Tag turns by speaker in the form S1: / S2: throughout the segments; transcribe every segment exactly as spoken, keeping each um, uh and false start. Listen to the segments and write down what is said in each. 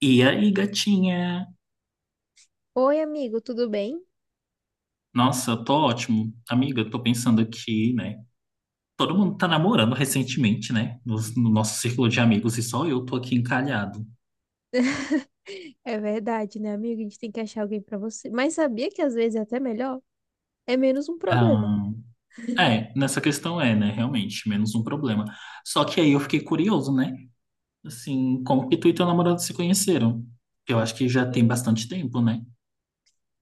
S1: E aí, gatinha?
S2: Oi, amigo, tudo bem?
S1: Nossa, eu tô ótimo. Amiga, eu tô pensando aqui, né? Todo mundo tá namorando recentemente, né? Nos- No, Nosso círculo de amigos e só eu tô aqui encalhado.
S2: É verdade, né, amigo? A gente tem que achar alguém pra você. Mas sabia que às vezes é até melhor? É menos um problema.
S1: Ah, é, nessa questão é, né? Realmente, menos um problema. Só que aí eu fiquei curioso, né? Assim, como que tu e teu namorado se conheceram? Eu acho que já tem
S2: Hum.
S1: bastante tempo, né?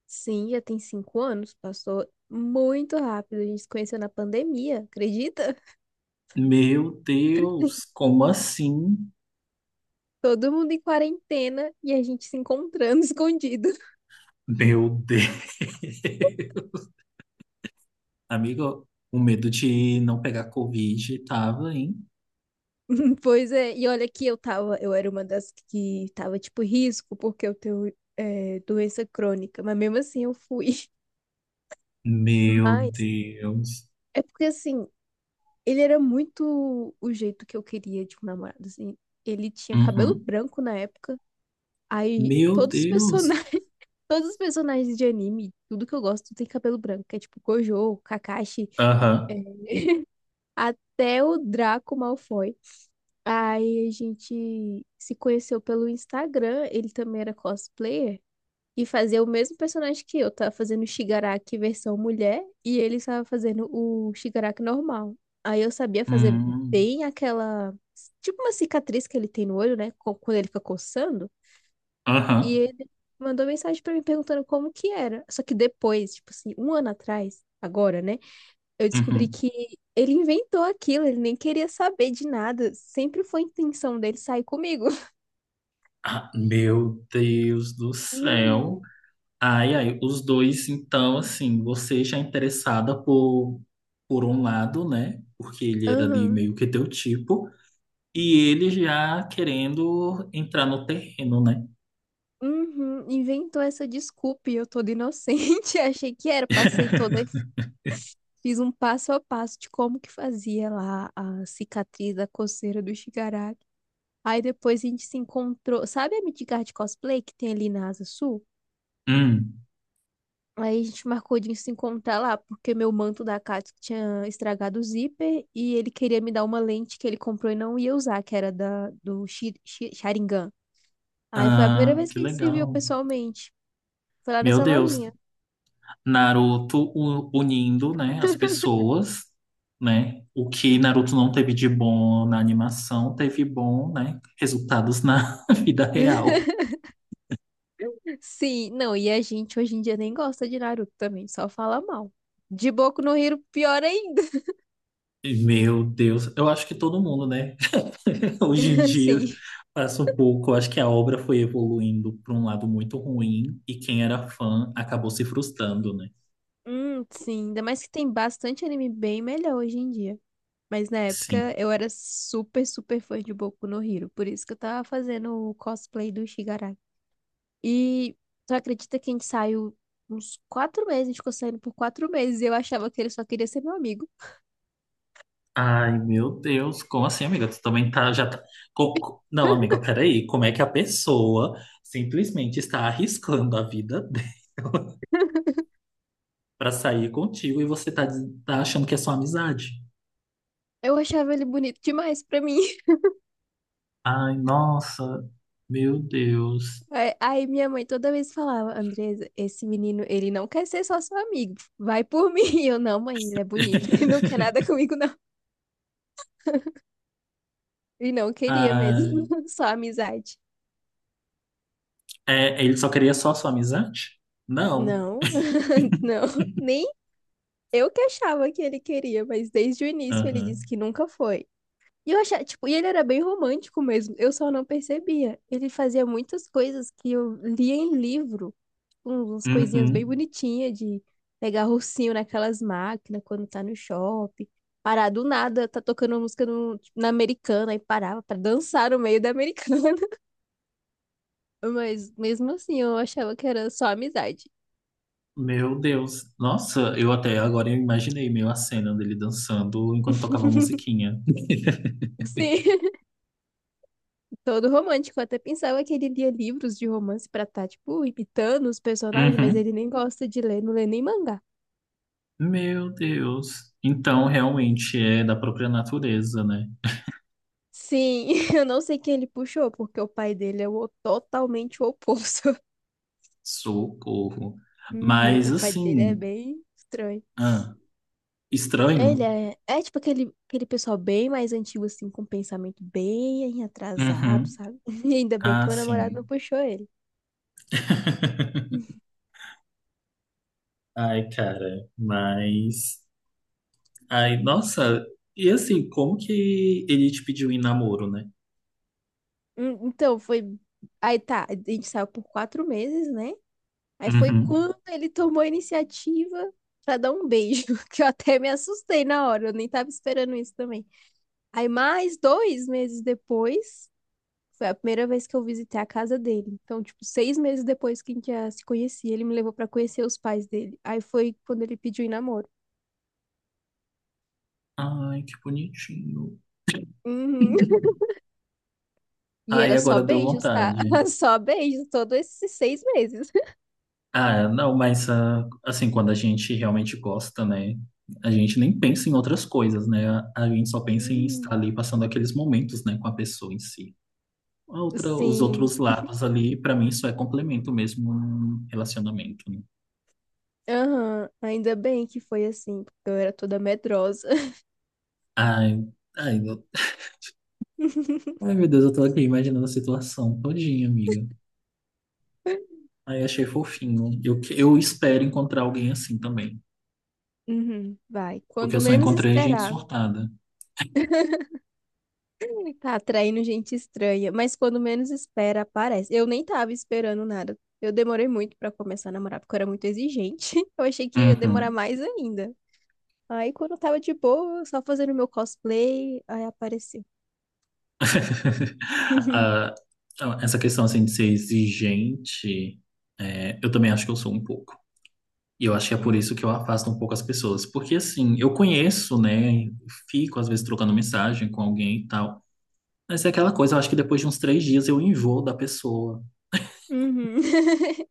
S2: Sim, já tem cinco anos, passou muito rápido. A gente se conheceu na pandemia, acredita?
S1: Meu Deus, como assim?
S2: Todo mundo em quarentena e a gente se encontrando escondido.
S1: Meu Deus. Amigo, o medo de não pegar Covid tava, hein?
S2: Pois é, e olha que eu tava, eu era uma das que tava tipo risco, porque eu tenho é, doença crônica, mas mesmo assim eu fui.
S1: Meu
S2: Mas
S1: Deus.
S2: é porque assim, ele era muito o jeito que eu queria de um namorado, assim. Ele tinha cabelo
S1: Uhum.
S2: branco na época. Aí
S1: Meu
S2: todos os
S1: Deus.
S2: personagens, todos os personagens de anime, tudo que eu gosto tem cabelo branco, que é tipo Gojo, Kakashi, é,
S1: Aham.
S2: até o Draco Malfoy. Aí a gente se conheceu pelo Instagram, ele também era cosplayer. E fazer o mesmo personagem que eu. Tava fazendo o Shigaraki versão mulher e ele estava fazendo o Shigaraki normal. Aí eu sabia fazer
S1: Hum.
S2: bem aquela, tipo uma cicatriz que ele tem no olho, né? co- Quando ele fica coçando. E
S1: Aham.
S2: ele mandou mensagem pra mim perguntando como que era. Só que depois, tipo assim, um ano atrás, agora, né? Eu descobri
S1: Uhum.
S2: que ele inventou aquilo, ele nem queria saber de nada. Sempre foi a intenção dele sair comigo.
S1: Ah, meu Deus do
S2: Uhum.
S1: céu. Ai, ai, os dois, então, assim, você já é interessada por, por um lado, né? Porque ele era ali
S2: Aham.
S1: meio que teu tipo, e ele já querendo entrar no terreno, né?
S2: Uhum, inventou essa desculpa e eu toda inocente. Achei que era, passei toda, fiz um passo a passo de como que fazia lá a cicatriz da coceira do Shigaraki. Aí depois a gente se encontrou, sabe a Midgard de cosplay que tem ali na Asa Sul?
S1: Hum.
S2: Aí a gente marcou de se encontrar lá, porque meu manto da Katsuki tinha estragado o zíper e ele queria me dar uma lente que ele comprou e não ia usar, que era da, do Shi- Shi- Sharingan. Aí foi a primeira
S1: Ah,
S2: vez
S1: que
S2: que a gente se viu
S1: legal.
S2: pessoalmente. Foi lá
S1: Meu
S2: nessa
S1: Deus.
S2: lojinha.
S1: Naruto u- unindo, né, as pessoas, né? O que Naruto não teve de bom na animação, teve bom, né, resultados na vida real.
S2: Sim, não, e a gente hoje em dia nem gosta de Naruto também, só fala mal. De Boku no Hero, pior ainda,
S1: Meu Deus, eu acho que todo mundo, né, hoje em dia
S2: assim.
S1: passa um pouco. Eu acho que a obra foi evoluindo para um lado muito ruim e quem era fã acabou se frustrando, né?
S2: Hum, sim, ainda mais que tem bastante anime bem melhor hoje em dia. Mas na época
S1: Sim.
S2: eu era super, super fã de Boku no Hero, por isso que eu tava fazendo o cosplay do Shigaraki. E tu acredita que a gente saiu uns quatro meses, a gente ficou saindo por quatro meses e eu achava que ele só queria ser meu amigo.
S1: Ai, meu Deus, como assim, amiga? Tu também tá, já tá... co- co- Não, amiga, peraí, como é que a pessoa simplesmente está arriscando a vida dela pra sair contigo e você tá, diz- tá achando que é só amizade?
S2: Eu achava ele bonito demais pra mim.
S1: Ai, nossa, meu Deus.
S2: Aí aí minha mãe toda vez falava: Andresa, esse menino, ele não quer ser só seu amigo, vai por mim. E eu: não, mãe, ele é bonito, ele não quer nada comigo, não. E não queria mesmo,
S1: Ai,
S2: só amizade.
S1: é, ele só queria só sua amizade? Não.
S2: Não, não, nem eu que achava que ele queria, mas desde o início ele disse
S1: Aham.
S2: que nunca foi. E eu achava, tipo, e ele era bem romântico mesmo, eu só não percebia. Ele fazia muitas coisas que eu lia em livro, uns- umas coisinhas bem
S1: Uhum.
S2: bonitinhas de pegar ursinho naquelas máquinas quando tá no shopping, parar do nada, tá tocando uma música no, tipo, na americana e parava pra dançar no meio da americana. Mas mesmo assim, eu achava que era só amizade.
S1: Meu Deus. Nossa, eu até agora eu imaginei meio a cena dele dançando enquanto tocava musiquinha.
S2: Sim, todo romântico. Eu até pensava que ele lia livros de romance pra tá tipo, imitando os personagens, mas
S1: Uhum.
S2: ele nem gosta de ler, não lê nem mangá.
S1: Meu Deus. Então, realmente é da própria natureza, né?
S2: Sim, eu não sei quem ele puxou, porque o pai dele é o totalmente o oposto.
S1: Socorro.
S2: Uhum,
S1: Mas,
S2: o pai dele é
S1: assim,
S2: bem estranho.
S1: ah, estranho.
S2: Ele é, é tipo aquele, aquele pessoal bem mais antigo, assim, com pensamento bem atrasado,
S1: Uhum.
S2: sabe? E ainda bem que
S1: Ah,
S2: meu namorado não
S1: sim.
S2: puxou ele.
S1: Ai, cara, mas. Ai, nossa. E assim, como que ele te pediu em namoro, né?
S2: Hum, Então, foi. Aí tá, a gente saiu por quatro meses, né? Aí foi
S1: Uhum.
S2: quando ele tomou a iniciativa pra dar um beijo, que eu até me assustei na hora, eu nem tava esperando isso também. Aí mais dois meses depois. Foi a primeira vez que eu visitei a casa dele. Então, tipo, seis meses depois que a gente já se conhecia, ele me levou pra conhecer os pais dele. Aí foi quando ele pediu em namoro.
S1: Ai, que bonitinho.
S2: Uhum. E
S1: Ai,
S2: era só
S1: agora deu
S2: beijos, tá?
S1: vontade.
S2: Só beijos, todos esses seis meses.
S1: Ah, é, não, mas ah, assim, quando a gente realmente gosta, né? A gente nem pensa em outras coisas, né? A gente só pensa em
S2: Uhum.
S1: estar ali passando aqueles momentos, né, com a pessoa em si. A outra, os
S2: Sim,
S1: outros lados ali, pra mim, só é complemento mesmo num relacionamento, né?
S2: aham, ainda bem que foi assim, porque eu era toda medrosa.
S1: Ai, ai, eu- ai, meu Deus, eu tô aqui imaginando a situação todinha, amiga. Ai, achei fofinho. Eu, que- eu espero encontrar alguém assim também,
S2: Uhum, vai,
S1: porque
S2: quando
S1: eu só
S2: menos
S1: encontrei gente
S2: esperar.
S1: surtada.
S2: Tá atraindo gente estranha, mas quando menos espera, aparece. Eu nem tava esperando nada. Eu demorei muito pra começar a namorar, porque eu era muito exigente. Eu achei que ia demorar
S1: Uhum.
S2: mais ainda. Aí, quando eu tava de boa, só fazendo meu cosplay, aí apareceu.
S1: Ah, então, essa questão assim de ser exigente, é, eu também acho que eu sou um pouco. E eu acho que é por isso
S2: Hum.
S1: que eu afasto um pouco as pessoas. Porque assim, eu conheço, né? Fico às vezes trocando mensagem com alguém e tal. Mas é aquela coisa, eu acho que depois de uns três dias eu enjoo da pessoa.
S2: Uhum.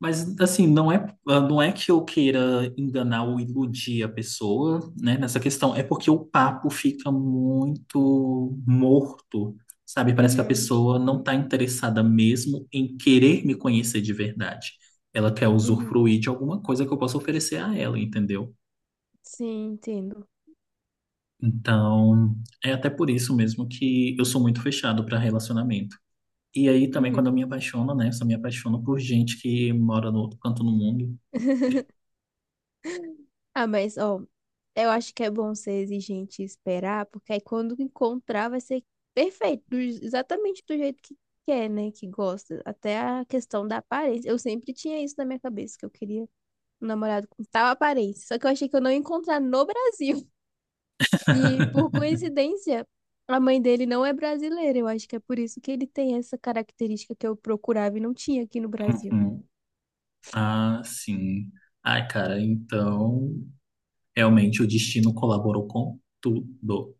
S1: Mas assim, não é, não é que eu queira enganar ou iludir a pessoa, né, nessa questão, é porque o papo fica muito morto, sabe? Parece que a
S2: Uhum.
S1: pessoa não está interessada mesmo em querer me conhecer de verdade. Ela quer
S2: Uhum.
S1: usufruir de alguma coisa que eu possa oferecer a ela, entendeu?
S2: Sim, entendo.
S1: Então, é até por isso mesmo que eu sou muito fechado para relacionamento. E aí também
S2: Uhum.
S1: quando eu me apaixono, né, eu só me apaixono por gente que mora no outro canto do mundo.
S2: Ah, mas, ó, eu acho que é bom ser exigente e esperar, porque aí quando encontrar vai ser perfeito, do- exatamente do jeito que quer, né? Que gosta. Até a questão da aparência. Eu sempre tinha isso na minha cabeça, que eu queria um namorado com tal aparência. Só que eu achei que eu não ia encontrar no Brasil. E por coincidência, a mãe dele não é brasileira. Eu acho que é por isso que ele tem essa característica que eu procurava e não tinha aqui no Brasil.
S1: Ah, sim. Ai, cara, então realmente o destino colaborou com tudo.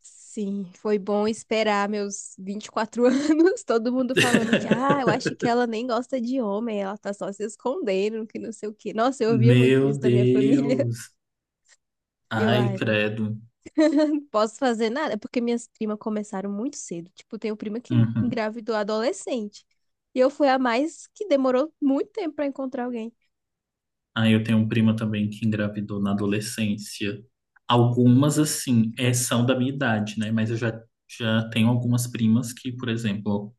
S2: Sim, foi bom esperar meus vinte e quatro anos, todo mundo falando que, ah, eu acho que ela nem gosta de homem, ela tá só se escondendo, que não sei o quê. Nossa, eu ouvia muito
S1: Meu
S2: isso da minha família.
S1: Deus.
S2: E eu,
S1: Ai,
S2: ai,
S1: credo.
S2: não posso fazer nada. É porque minhas primas começaram muito cedo. Tipo, tenho prima que
S1: Uhum.
S2: engravidou adolescente. E eu fui a mais que demorou muito tempo pra encontrar alguém.
S1: Aí eu tenho uma prima também que engravidou na adolescência. Algumas, assim, é, são da minha idade, né? Mas eu já, já tenho algumas primas que, por exemplo,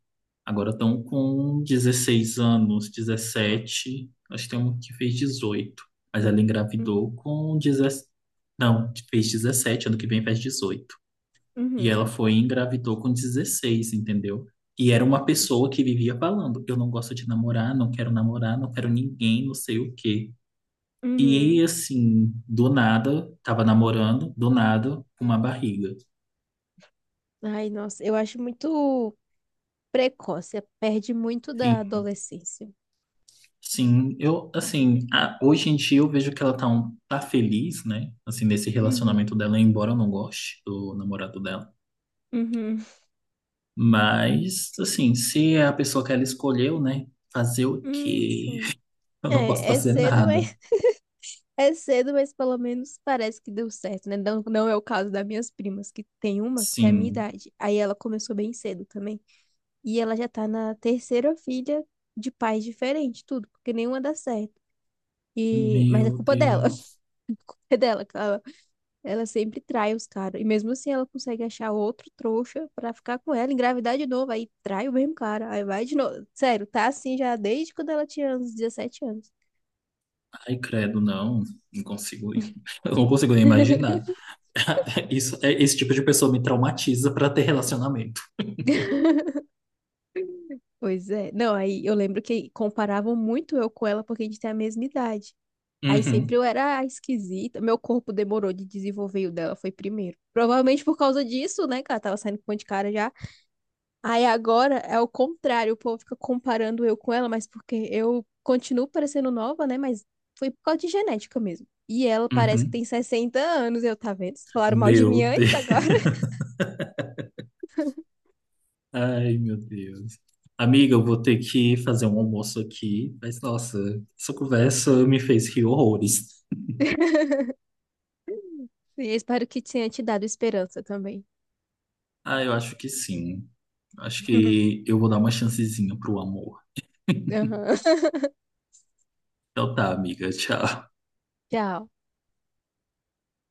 S1: agora estão com dezesseis anos, dezessete. Acho que tem um que fez dezoito. Mas ela
S2: Hum.
S1: engravidou com dezessete. Não, fez dezessete, ano que vem faz dezoito. E
S2: Uhum.
S1: ela foi e engravidou com dezesseis, entendeu? E era uma pessoa
S2: Assim.
S1: que vivia falando: eu não gosto de namorar, não quero namorar, não quero ninguém, não sei o quê. E aí,
S2: Uhum.
S1: assim, do nada, tava namorando, do nada, com uma barriga.
S2: Ai, nossa, eu acho muito precoce, perde muito
S1: Sim.
S2: da adolescência.
S1: Sim, eu, assim, a- hoje em dia eu vejo que ela tá, um- tá feliz, né? Assim, nesse
S2: Uhum.
S1: relacionamento dela, embora eu não goste do namorado dela.
S2: Uhum.
S1: Mas, assim, se é a pessoa que ela escolheu, né? Fazer o
S2: Hum,
S1: quê?
S2: sim.
S1: Eu não posso
S2: É, é
S1: fazer
S2: cedo,
S1: nada.
S2: mas é cedo, mas pelo menos parece que deu certo, né? Não, não é o caso das minhas primas, que tem uma que tem a minha
S1: Sim.
S2: idade. Aí ela começou bem cedo também. E ela já tá na terceira filha de pais diferentes, tudo, porque nenhuma dá certo. E, mas é
S1: Meu
S2: culpa dela.
S1: Deus.
S2: A culpa é dela, que ela, ela sempre trai os caras. E mesmo assim ela consegue achar outro trouxa pra ficar com ela, engravidar de novo, aí trai o mesmo cara, aí vai de novo. Sério, tá assim já desde quando ela tinha uns dezessete anos.
S1: Ai, credo, não. Não consigo. Ir. Eu não consigo nem imaginar. Isso, é- esse tipo de pessoa me traumatiza para ter relacionamento.
S2: Pois é. Não, aí eu lembro que comparavam muito eu com ela porque a gente tem a mesma idade. Aí sempre
S1: Uhum,
S2: eu era a esquisita. Meu corpo demorou de desenvolver e o dela foi primeiro. Provavelmente por causa disso, né, que ela tava saindo com um monte de cara já. Aí agora é o contrário, o povo fica comparando eu com ela, mas porque eu continuo parecendo nova, né, mas foi por causa de genética mesmo. E ela parece que
S1: uhum.
S2: tem sessenta anos, eu tá vendo? Vocês falaram mal de
S1: Meu
S2: mim antes
S1: Deus.
S2: agora.
S1: Ai, meu Deus. Amiga, eu vou ter que fazer um almoço aqui, mas nossa, essa conversa me fez rir horrores.
S2: Sim, eu espero que tenha te dado esperança também.
S1: Ah, eu acho que sim. Acho que eu vou dar uma chancezinha pro amor.
S2: Aham.
S1: Então tá, amiga, tchau.
S2: Tchau.